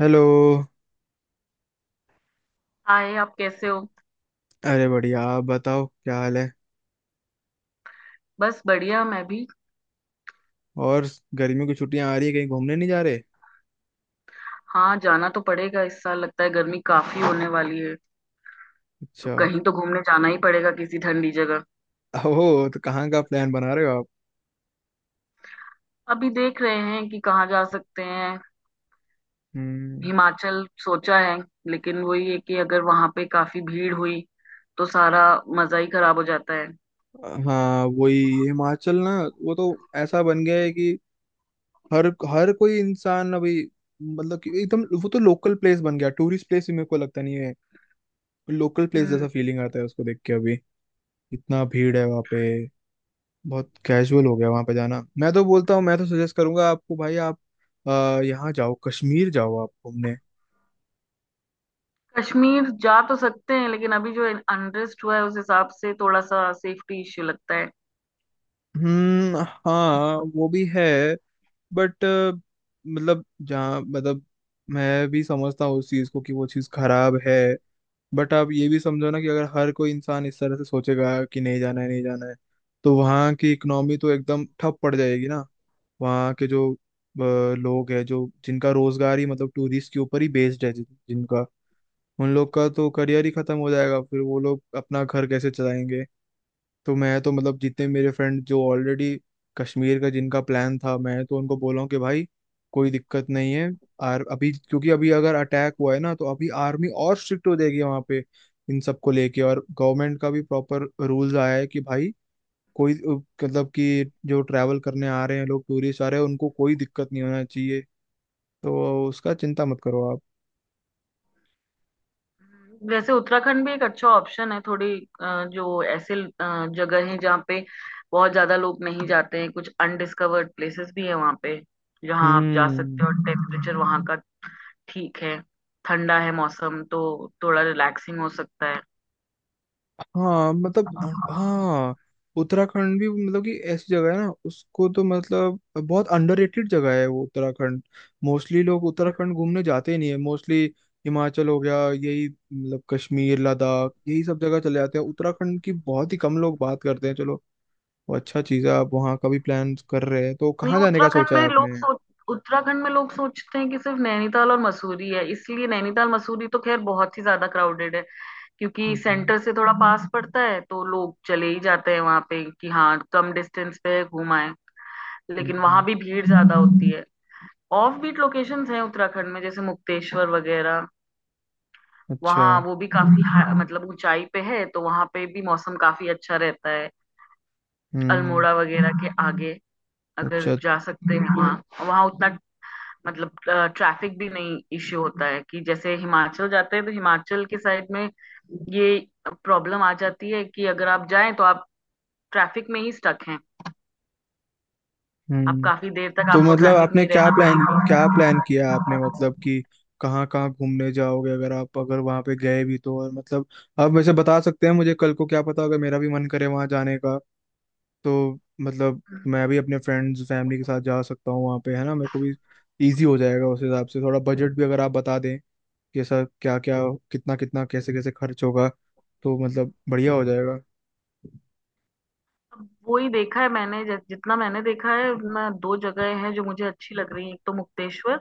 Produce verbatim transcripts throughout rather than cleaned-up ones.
Hello. Hi, आप कैसे हो। अरे बढ़िया, आप बताओ क्या हाल है। बस बढ़िया, मैं भी। और गर्मियों की छुट्टियां आ रही है, कहीं घूमने नहीं जा रहे? हाँ, जाना तो पड़ेगा। इस साल लगता है गर्मी काफी होने वाली है, तो अच्छा कहीं तो घूमने जाना ही पड़ेगा, किसी ठंडी जगह। ओह, तो कहाँ का प्लान बना रहे हो आप? अभी देख रहे हैं कि कहाँ जा सकते हैं। हम्म। हिमाचल सोचा है, लेकिन वही है कि अगर वहां पे काफी भीड़ हुई तो सारा मजा ही खराब हो जाता है। हाँ, वही हिमाचल ना। वो तो ऐसा बन गया है कि हर हर कोई इंसान अभी मतलब कि एकदम वो तो लोकल प्लेस बन गया, टूरिस्ट प्लेस भी मेरे को लगता नहीं है। लोकल प्लेस हम्म। जैसा फीलिंग आता है उसको देख के अभी। इतना भीड़ है वहाँ पे। बहुत कैजुअल हो गया वहां पे जाना। मैं तो बोलता हूँ, मैं तो सजेस्ट करूंगा आपको, भाई आप आ, यहाँ जाओ, कश्मीर जाओ आप घूमने। कश्मीर जा तो सकते हैं, लेकिन अभी जो अनरेस्ट हुआ है उस हिसाब से थोड़ा सा सेफ्टी इश्यू लगता है। हम्म। हाँ, वो भी है। बट मतलब जहाँ मतलब, मैं भी समझता हूँ उस चीज़ को कि वो चीज़ खराब है। बट आप ये भी समझो ना कि अगर हर कोई इंसान इस तरह से सोचेगा कि नहीं जाना है, नहीं जाना है, तो वहाँ की इकोनॉमी तो एकदम ठप पड़ जाएगी ना। वहाँ के जो अ, लोग हैं, जो जिनका रोजगार ही मतलब टूरिस्ट के ऊपर ही बेस्ड है, जिन- जिनका उन लोग का तो करियर ही खत्म हो जाएगा, फिर वो लोग अपना घर कैसे चलाएंगे। तो मैं तो मतलब जितने मेरे फ्रेंड जो ऑलरेडी कश्मीर का जिनका प्लान था, मैं तो उनको बोला हूँ कि भाई कोई दिक्कत नहीं है। और अभी क्योंकि अभी अगर अटैक हुआ है ना, तो अभी आर्मी और स्ट्रिक्ट हो जाएगी वहाँ पे, इन सबको लेके। और गवर्नमेंट का भी प्रॉपर रूल्स आया है कि भाई कोई मतलब कि जो ट्रैवल करने आ रहे हैं लोग, टूरिस्ट आ रहे हैं, उनको कोई दिक्कत नहीं होना चाहिए। तो उसका चिंता मत करो आप। वैसे उत्तराखंड भी एक अच्छा ऑप्शन है। थोड़ी अ, जो ऐसे अ, जगह है जहाँ पे बहुत ज्यादा लोग नहीं जाते हैं। कुछ अनडिस्कवर्ड प्लेसेस भी है वहाँ पे जहाँ आप जा सकते हम्म। हो। टेम्परेचर वहाँ का ठीक है, ठंडा है मौसम, तो थोड़ा रिलैक्सिंग हो सकता है। हाँ मतलब, हाँ, उत्तराखंड भी मतलब कि ऐसी जगह है ना, उसको तो मतलब बहुत अंडररेटेड जगह है वो, उत्तराखंड। मोस्टली लोग उत्तराखंड घूमने जाते ही नहीं है मोस्टली। हिमाचल हो गया, यही मतलब कश्मीर, लद्दाख, यही सब जगह चले जाते हैं। उत्तराखंड की बहुत ही कम लोग बात करते हैं। चलो, वो अच्छा चीज़ है। आप वहाँ का भी प्लान कर रहे हैं, तो नहीं कहाँ जाने का उत्तराखंड सोचा है में आपने? लोग सोच उत्तराखंड में लोग सोचते हैं कि सिर्फ नैनीताल और मसूरी है, इसलिए नैनीताल मसूरी तो खैर बहुत ही ज्यादा क्राउडेड है क्योंकि हम्म। सेंटर से थोड़ा पास पड़ता है, तो लोग चले ही जाते हैं वहां पे कि हाँ, कम डिस्टेंस पे घुमाएं। लेकिन वहां हम्म। भी भीड़ ज्यादा होती है। ऑफ बीट लोकेशंस हैं उत्तराखंड में, जैसे मुक्तेश्वर वगैरह। अच्छा। वहाँ वो भी काफी हा- मतलब ऊंचाई पे है, तो वहां पे भी मौसम काफी अच्छा रहता है। हम्म। अल्मोड़ा वगैरह के आगे अगर अच्छा। जा सकते हैं वहाँ, वहाँ उतना मतलब ट्रैफिक भी नहीं इश्यू होता है। कि जैसे हिमाचल जाते हैं तो हिमाचल के साइड में ये प्रॉब्लम आ जाती है कि अगर आप जाएं तो आप ट्रैफिक में ही स्टक हैं। अब हम्म। काफी देर तक तो आपको मतलब ट्रैफिक में आपने ही क्या रहना प्लान क्या प्लान किया आपने मतलब पड़ेगा। कि कहाँ कहाँ घूमने जाओगे अगर आप, अगर वहां पे गए भी तो। और मतलब आप वैसे बता सकते हैं मुझे, कल को क्या पता अगर मेरा भी मन करे वहां जाने का। तो मतलब मैं भी अपने फ्रेंड्स फैमिली के साथ जा सकता हूँ वहां पे, है ना। मेरे को भी इजी हो जाएगा उस हिसाब से। थोड़ा बजट भी अगर आप बता दें कि ऐसा क्या क्या, कितना कितना, कैसे कैसे खर्च होगा, तो मतलब बढ़िया हो जाएगा। अब वो ही देखा है मैंने। जि- जितना मैंने देखा है, मैं दो जगह हैं जो मुझे अच्छी लग रही हैं। एक तो मुक्तेश्वर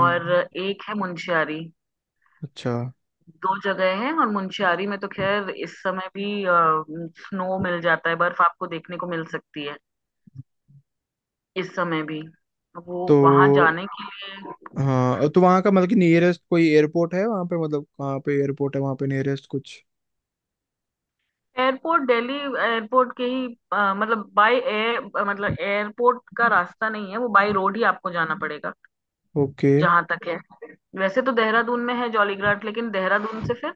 और एक है मुंशियारी। अच्छा। दो जगह हैं, और मुंशियारी में तो खैर इस समय भी स्नो मिल जाता है, बर्फ आपको देखने को मिल सकती है इस समय भी। वो तो वहां जाने के लिए हाँ, तो वहाँ का मतलब कि नियरेस्ट कोई एयरपोर्ट है वहाँ पे, मतलब कहाँ पे एयरपोर्ट है वहाँ पे नियरेस्ट कुछ? एयरपोर्ट दिल्ली एयरपोर्ट के ही अ, मतलब बाय एयर मतलब एयरपोर्ट का रास्ता नहीं है, वो बाय रोड ही आपको जाना पड़ेगा ओके। जहां तक है। वैसे तो देहरादून में है जॉलीग्रांट, लेकिन देहरादून से फिर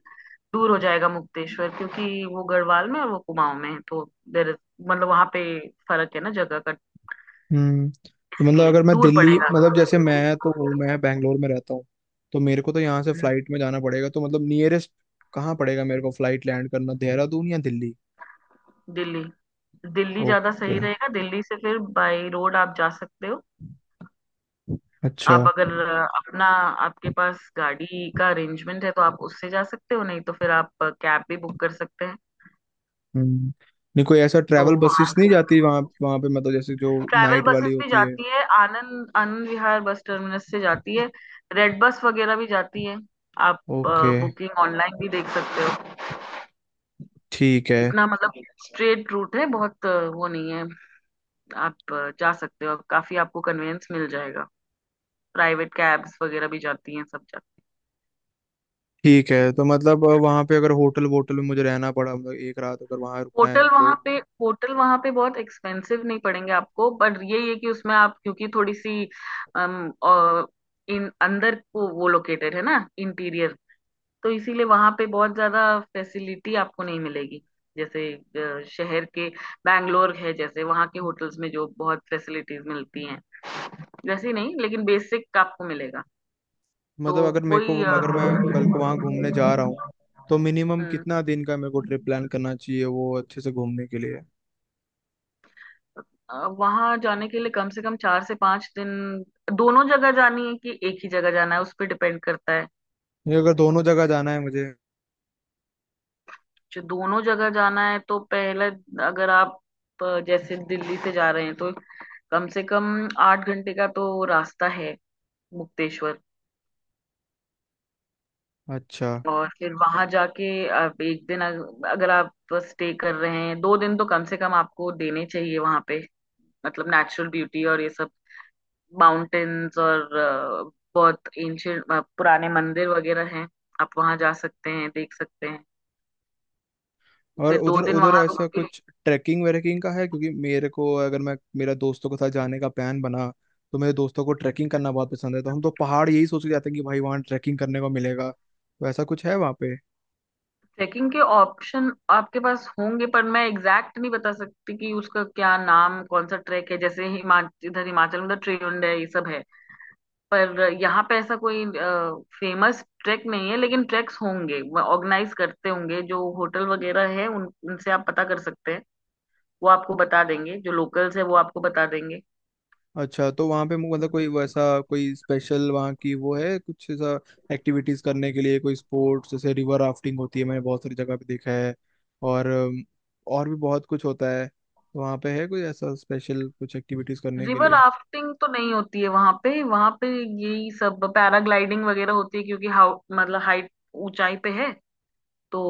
दूर हो जाएगा मुक्तेश्वर, क्योंकि वो गढ़वाल में और वो कुमाऊं में है, तो देर मतलब वहां पे फर्क है ना जगह का, हम्म। तो मतलब इसलिए अगर मैं दूर दिल्ली पड़ेगा। मतलब जैसे मैं तो हूँ, मैं बैंगलोर में रहता हूँ, तो मेरे को तो यहाँ से हम्म, फ्लाइट में जाना पड़ेगा। तो मतलब नियरेस्ट कहाँ पड़ेगा मेरे को फ्लाइट लैंड करना, देहरादून या दिल्ली? दिल्ली, दिल्ली ज्यादा ओके। सही रहेगा। दिल्ली से फिर बाय रोड आप जा सकते हो। अच्छा। आप अगर अपना, आपके पास गाड़ी का अरेंजमेंट है तो आप उससे जा सकते हो, नहीं तो फिर आप कैब भी बुक कर सकते हैं। हम्म। नहीं, कोई ऐसा तो ट्रैवल वहां बसेस नहीं जाती वहाँ वहाँ पे, मतलब जैसे जो ट्रैवल नाइट वाली बसेस भी होती है? जाती है। आनंद आनंद विहार बस टर्मिनस से जाती है। रेड बस वगैरह भी जाती है। आप ओके। बुकिंग ऑनलाइन भी देख सकते हो। ठीक है। इतना मतलब स्ट्रेट रूट है, बहुत अ, वो नहीं है। आप अ, जा सकते हो, काफी आपको कन्वीनियंस मिल जाएगा। प्राइवेट कैब्स वगैरह भी जाती हैं, सब जाती ठीक है। हैं। तो मतलब अ, वहाँ पे अगर होटल वोटल में मुझे रहना पड़ा, मतलब एक रात अगर वहाँ रुकना है होटल मेरे वहां को, पे, होटल वहां पे बहुत एक्सपेंसिव नहीं पड़ेंगे आपको, बट ये ये कि उसमें आप क्योंकि थोड़ी सी अम, अ, इन अंदर को वो लोकेटेड है ना, इंटीरियर, तो इसीलिए वहां पे बहुत ज्यादा फैसिलिटी आपको नहीं मिलेगी। जैसे अ, शहर के बैंगलोर है जैसे, वहां के होटल्स में जो बहुत फैसिलिटीज मिलती हैं, वैसे ही नहीं, लेकिन बेसिक आपको मिलेगा। तो मतलब अगर मेरे को, वही अ, अगर मैं कल को वहाँ घूमने जा रहा हूँ, तो मिनिमम हम्म, कितना दिन का मेरे को ट्रिप प्लान करना चाहिए वो अच्छे से घूमने के लिए? वहां जाने के लिए कम से कम चार से पांच दिन। दोनों जगह जानी है कि एक ही जगह जाना है, उस पर डिपेंड करता है। ये, अगर दोनों जगह जाना है मुझे? जो दोनों जगह जाना है तो पहले, अगर आप अ, जैसे दिल्ली से जा रहे हैं, तो कम से कम आठ घंटे का तो रास्ता है मुक्तेश्वर। अच्छा। और फिर वहां जाके आप एक दिन अग- अगर आप स्टे कर रहे हैं, दो दिन तो कम से कम आपको देने चाहिए वहां पे। मतलब नेचुरल ब्यूटी और ये सब माउंटेन्स और अ, बहुत एंशियंट, पुराने मंदिर वगैरह हैं। आप वहां जा सकते हैं, देख सकते हैं। और फिर दो उधर दिन उधर वहां रुक ऐसा के कुछ ट्रैकिंग वैकिंग का है? क्योंकि मेरे को, अगर मैं, मेरा दोस्तों के साथ जाने का प्लान बना, तो मेरे दोस्तों को ट्रैकिंग करना बहुत पसंद है, तो हम तो पहाड़ यही सोच के जाते हैं कि भाई वहाँ ट्रैकिंग करने को मिलेगा। तो ऐसा कुछ है वहाँ? ट्रैकिंग के ऑप्शन आपके पास होंगे, पर मैं एग्जैक्ट नहीं बता सकती कि उसका क्या नाम, कौन सा ट्रैक है। जैसे हिमाचल, इधर हिमाचल में तो ट्रिउंड है, ये सब है। पर यहाँ पे ऐसा कोई फेमस ट्रैक नहीं है, लेकिन ट्रैक्स होंगे, ऑर्गेनाइज करते होंगे जो होटल वगैरह है उन उनसे आप पता कर सकते हैं। वो आपको बता देंगे, जो लोकल्स है वो आपको बता देंगे। अच्छा। तो वहाँ पे मतलब कोई वैसा कोई स्पेशल वहाँ की वो है कुछ ऐसा, एक्टिविटीज करने के लिए कोई स्पोर्ट्स, जैसे रिवर राफ्टिंग होती है, मैंने बहुत सारी जगह पे देखा है, और अम, और भी बहुत कुछ होता है। तो वहाँ पे है कोई ऐसा स्पेशल कुछ एक्टिविटीज करने के रिवर लिए? राफ्टिंग तो नहीं होती है वहां पे, वहां पे यही सब पैराग्लाइडिंग वगैरह होती है, क्योंकि हाउ मतलब हाइट, ऊंचाई पे है। तो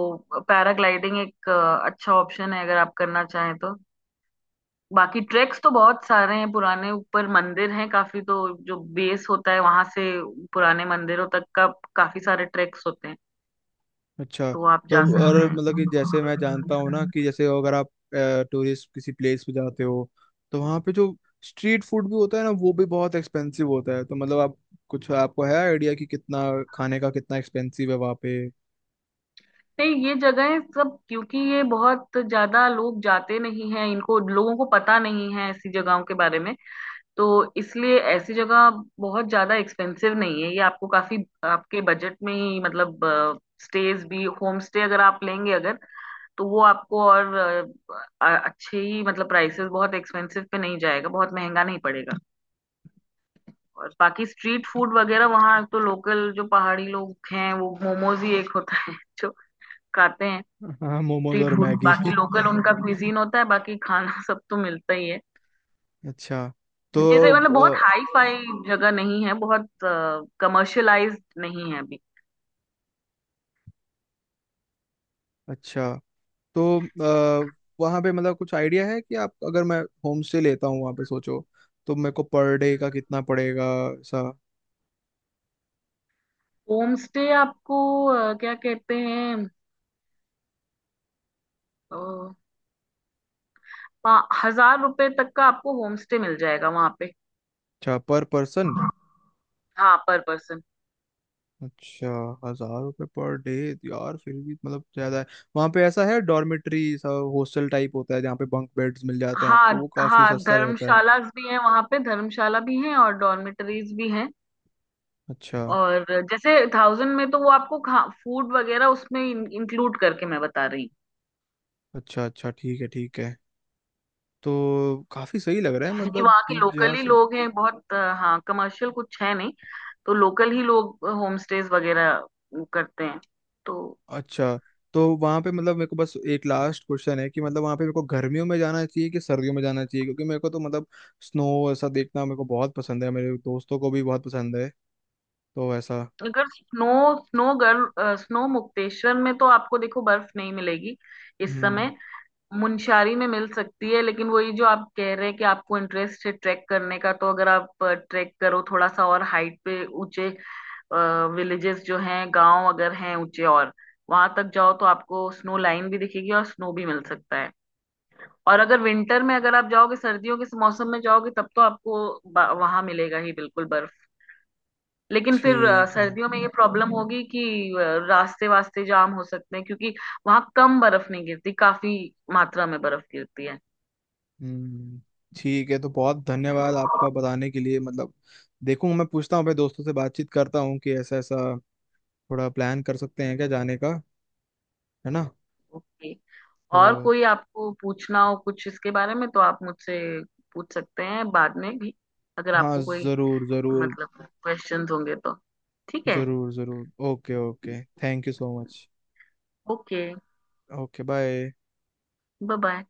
पैराग्लाइडिंग एक अ, अच्छा ऑप्शन है अगर आप करना चाहें तो। बाकी ट्रैक्स तो बहुत सारे हैं, पुराने ऊपर मंदिर हैं काफी। तो जो बेस होता है वहां से पुराने मंदिरों तक का काफी सारे ट्रैक्स होते हैं, अच्छा। तो आप जा तो और सकते मतलब कि जैसे हैं। मैं जानता हूँ ना कि जैसे अगर आप टूरिस्ट किसी प्लेस पे जाते हो, तो वहाँ पे जो स्ट्रीट फूड भी होता है ना, वो भी बहुत एक्सपेंसिव होता है। तो मतलब आप, कुछ आपको है आइडिया कि कितना खाने का कितना एक्सपेंसिव है वहाँ पे? नहीं, ये जगहें सब, क्योंकि ये बहुत ज्यादा लोग जाते नहीं हैं, इनको लोगों को पता नहीं है ऐसी जगहों के बारे में, तो इसलिए ऐसी जगह बहुत ज्यादा एक्सपेंसिव नहीं है। ये आपको काफी आपके बजट में ही मतलब, स्टेज भी होम स्टे अगर आप लेंगे अगर, तो वो आपको और अ, अ- अच्छे ही मतलब प्राइसेस, बहुत एक्सपेंसिव पे नहीं जाएगा, बहुत महंगा नहीं पड़ेगा। और बाकी स्ट्रीट फूड वगैरह वहाँ तो, लोकल जो पहाड़ी लोग हैं, वो मोमोज ही एक होता है जो खाते हैं हाँ, मोमोज स्ट्रीट और फूड। मैगी बाकी लोकल उनका क्विजीन होता है, बाकी खाना सब तो मिलता ही है। अच्छा। तो जैसे मतलब बहुत अ, हाई फाई जगह नहीं है, बहुत कमर्शियलाइज्ड नहीं है अभी। अच्छा। तो आ, वहाँ पे मतलब कुछ आइडिया है कि आप, अगर मैं होम स्टे लेता हूँ वहाँ पे सोचो, तो मेरे को पर डे का कितना पड़ेगा ऐसा? होम स्टे आपको अ, क्या कहते हैं अ, पा- हजार रुपए तक का आपको होम स्टे मिल जाएगा वहां पे। अच्छा, पर पर्सन? हाँ, पर पर्सन। अच्छा। हजार रुपये पर डे यार, फिर भी मतलब ज्यादा है। वहाँ पे ऐसा है, डॉर्मेट्री सा, हॉस्टल टाइप होता है जहाँ पे बंक बेड्स मिल जाते हैं हाँ, आपको, वो काफी हाँ सस्ता रहता है। धर्मशाला भी हैं वहां पे, धर्मशाला भी हैं और डॉर्मेटरीज भी हैं। अच्छा। और जैसे थाउजेंड में तो वो आपको खा फूड वगैरह उसमें इंक्लूड करके मैं बता रही। अच्छा, अच्छा ठीक है, ठीक है। तो काफी सही लग रहा है क्योंकि मतलब वहाँ के जिन- जहाँ लोकल ही से- लोग हैं बहुत अ, हाँ, कमर्शियल कुछ है नहीं, तो लोकल ही लोग होम स्टेज वगैरह वो करते हैं। तो अच्छा। तो वहां पे मतलब मेरे को बस एक लास्ट क्वेश्चन है कि मतलब वहां पे मेरे को गर्मियों में जाना चाहिए कि सर्दियों में जाना चाहिए? क्योंकि मेरे को तो मतलब स्नो ऐसा देखना मेरे को बहुत पसंद है, मेरे दोस्तों को भी बहुत पसंद है, तो ऐसा। अगर snow snow girl snow Mukteshwar में तो आपको देखो बर्फ नहीं मिलेगी इस हम्म। समय। मुनस्यारी में मिल सकती है, लेकिन वही जो आप कह रहे हैं कि आपको इंटरेस्ट है ट्रैक करने का, तो अगर आप ट्रैक करो थोड़ा सा और हाइट पे, ऊंचे विलेजेस जो हैं, गांव अगर हैं ऊंचे, और वहां तक जाओ तो आपको स्नो लाइन भी दिखेगी और स्नो भी मिल सकता है। और अगर विंटर में अगर आप जाओगे, सर्दियों के मौसम में जाओगे, तब तो आपको वहां मिलेगा ही बिल्कुल बर्फ। लेकिन फिर अ, ठीक है। सर्दियों में ये प्रॉब्लम होगी कि अ, रास्ते वास्ते जाम हो सकते हैं, क्योंकि वहां कम बर्फ नहीं गिरती, काफी मात्रा में बर्फ गिरती है। हम्म। ठीक है। तो बहुत धन्यवाद आपका बताने के लिए। मतलब देखूंगा मैं, पूछता हूँ अपने दोस्तों से, बातचीत करता हूँ कि ऐसा ऐसा थोड़ा प्लान कर सकते हैं क्या जाने का, है ना। ओके। और तो कोई आपको पूछना हो कुछ इसके बारे में तो आप मुझसे पूछ सकते हैं बाद में भी। अगर हाँ, आपको कोई जरूर जरूर। मतलब क्वेश्चंस होंगे तो, ठीक है। जरूर जरूर, okay okay, thank you so much. Okay, okay, bye. Bye bye.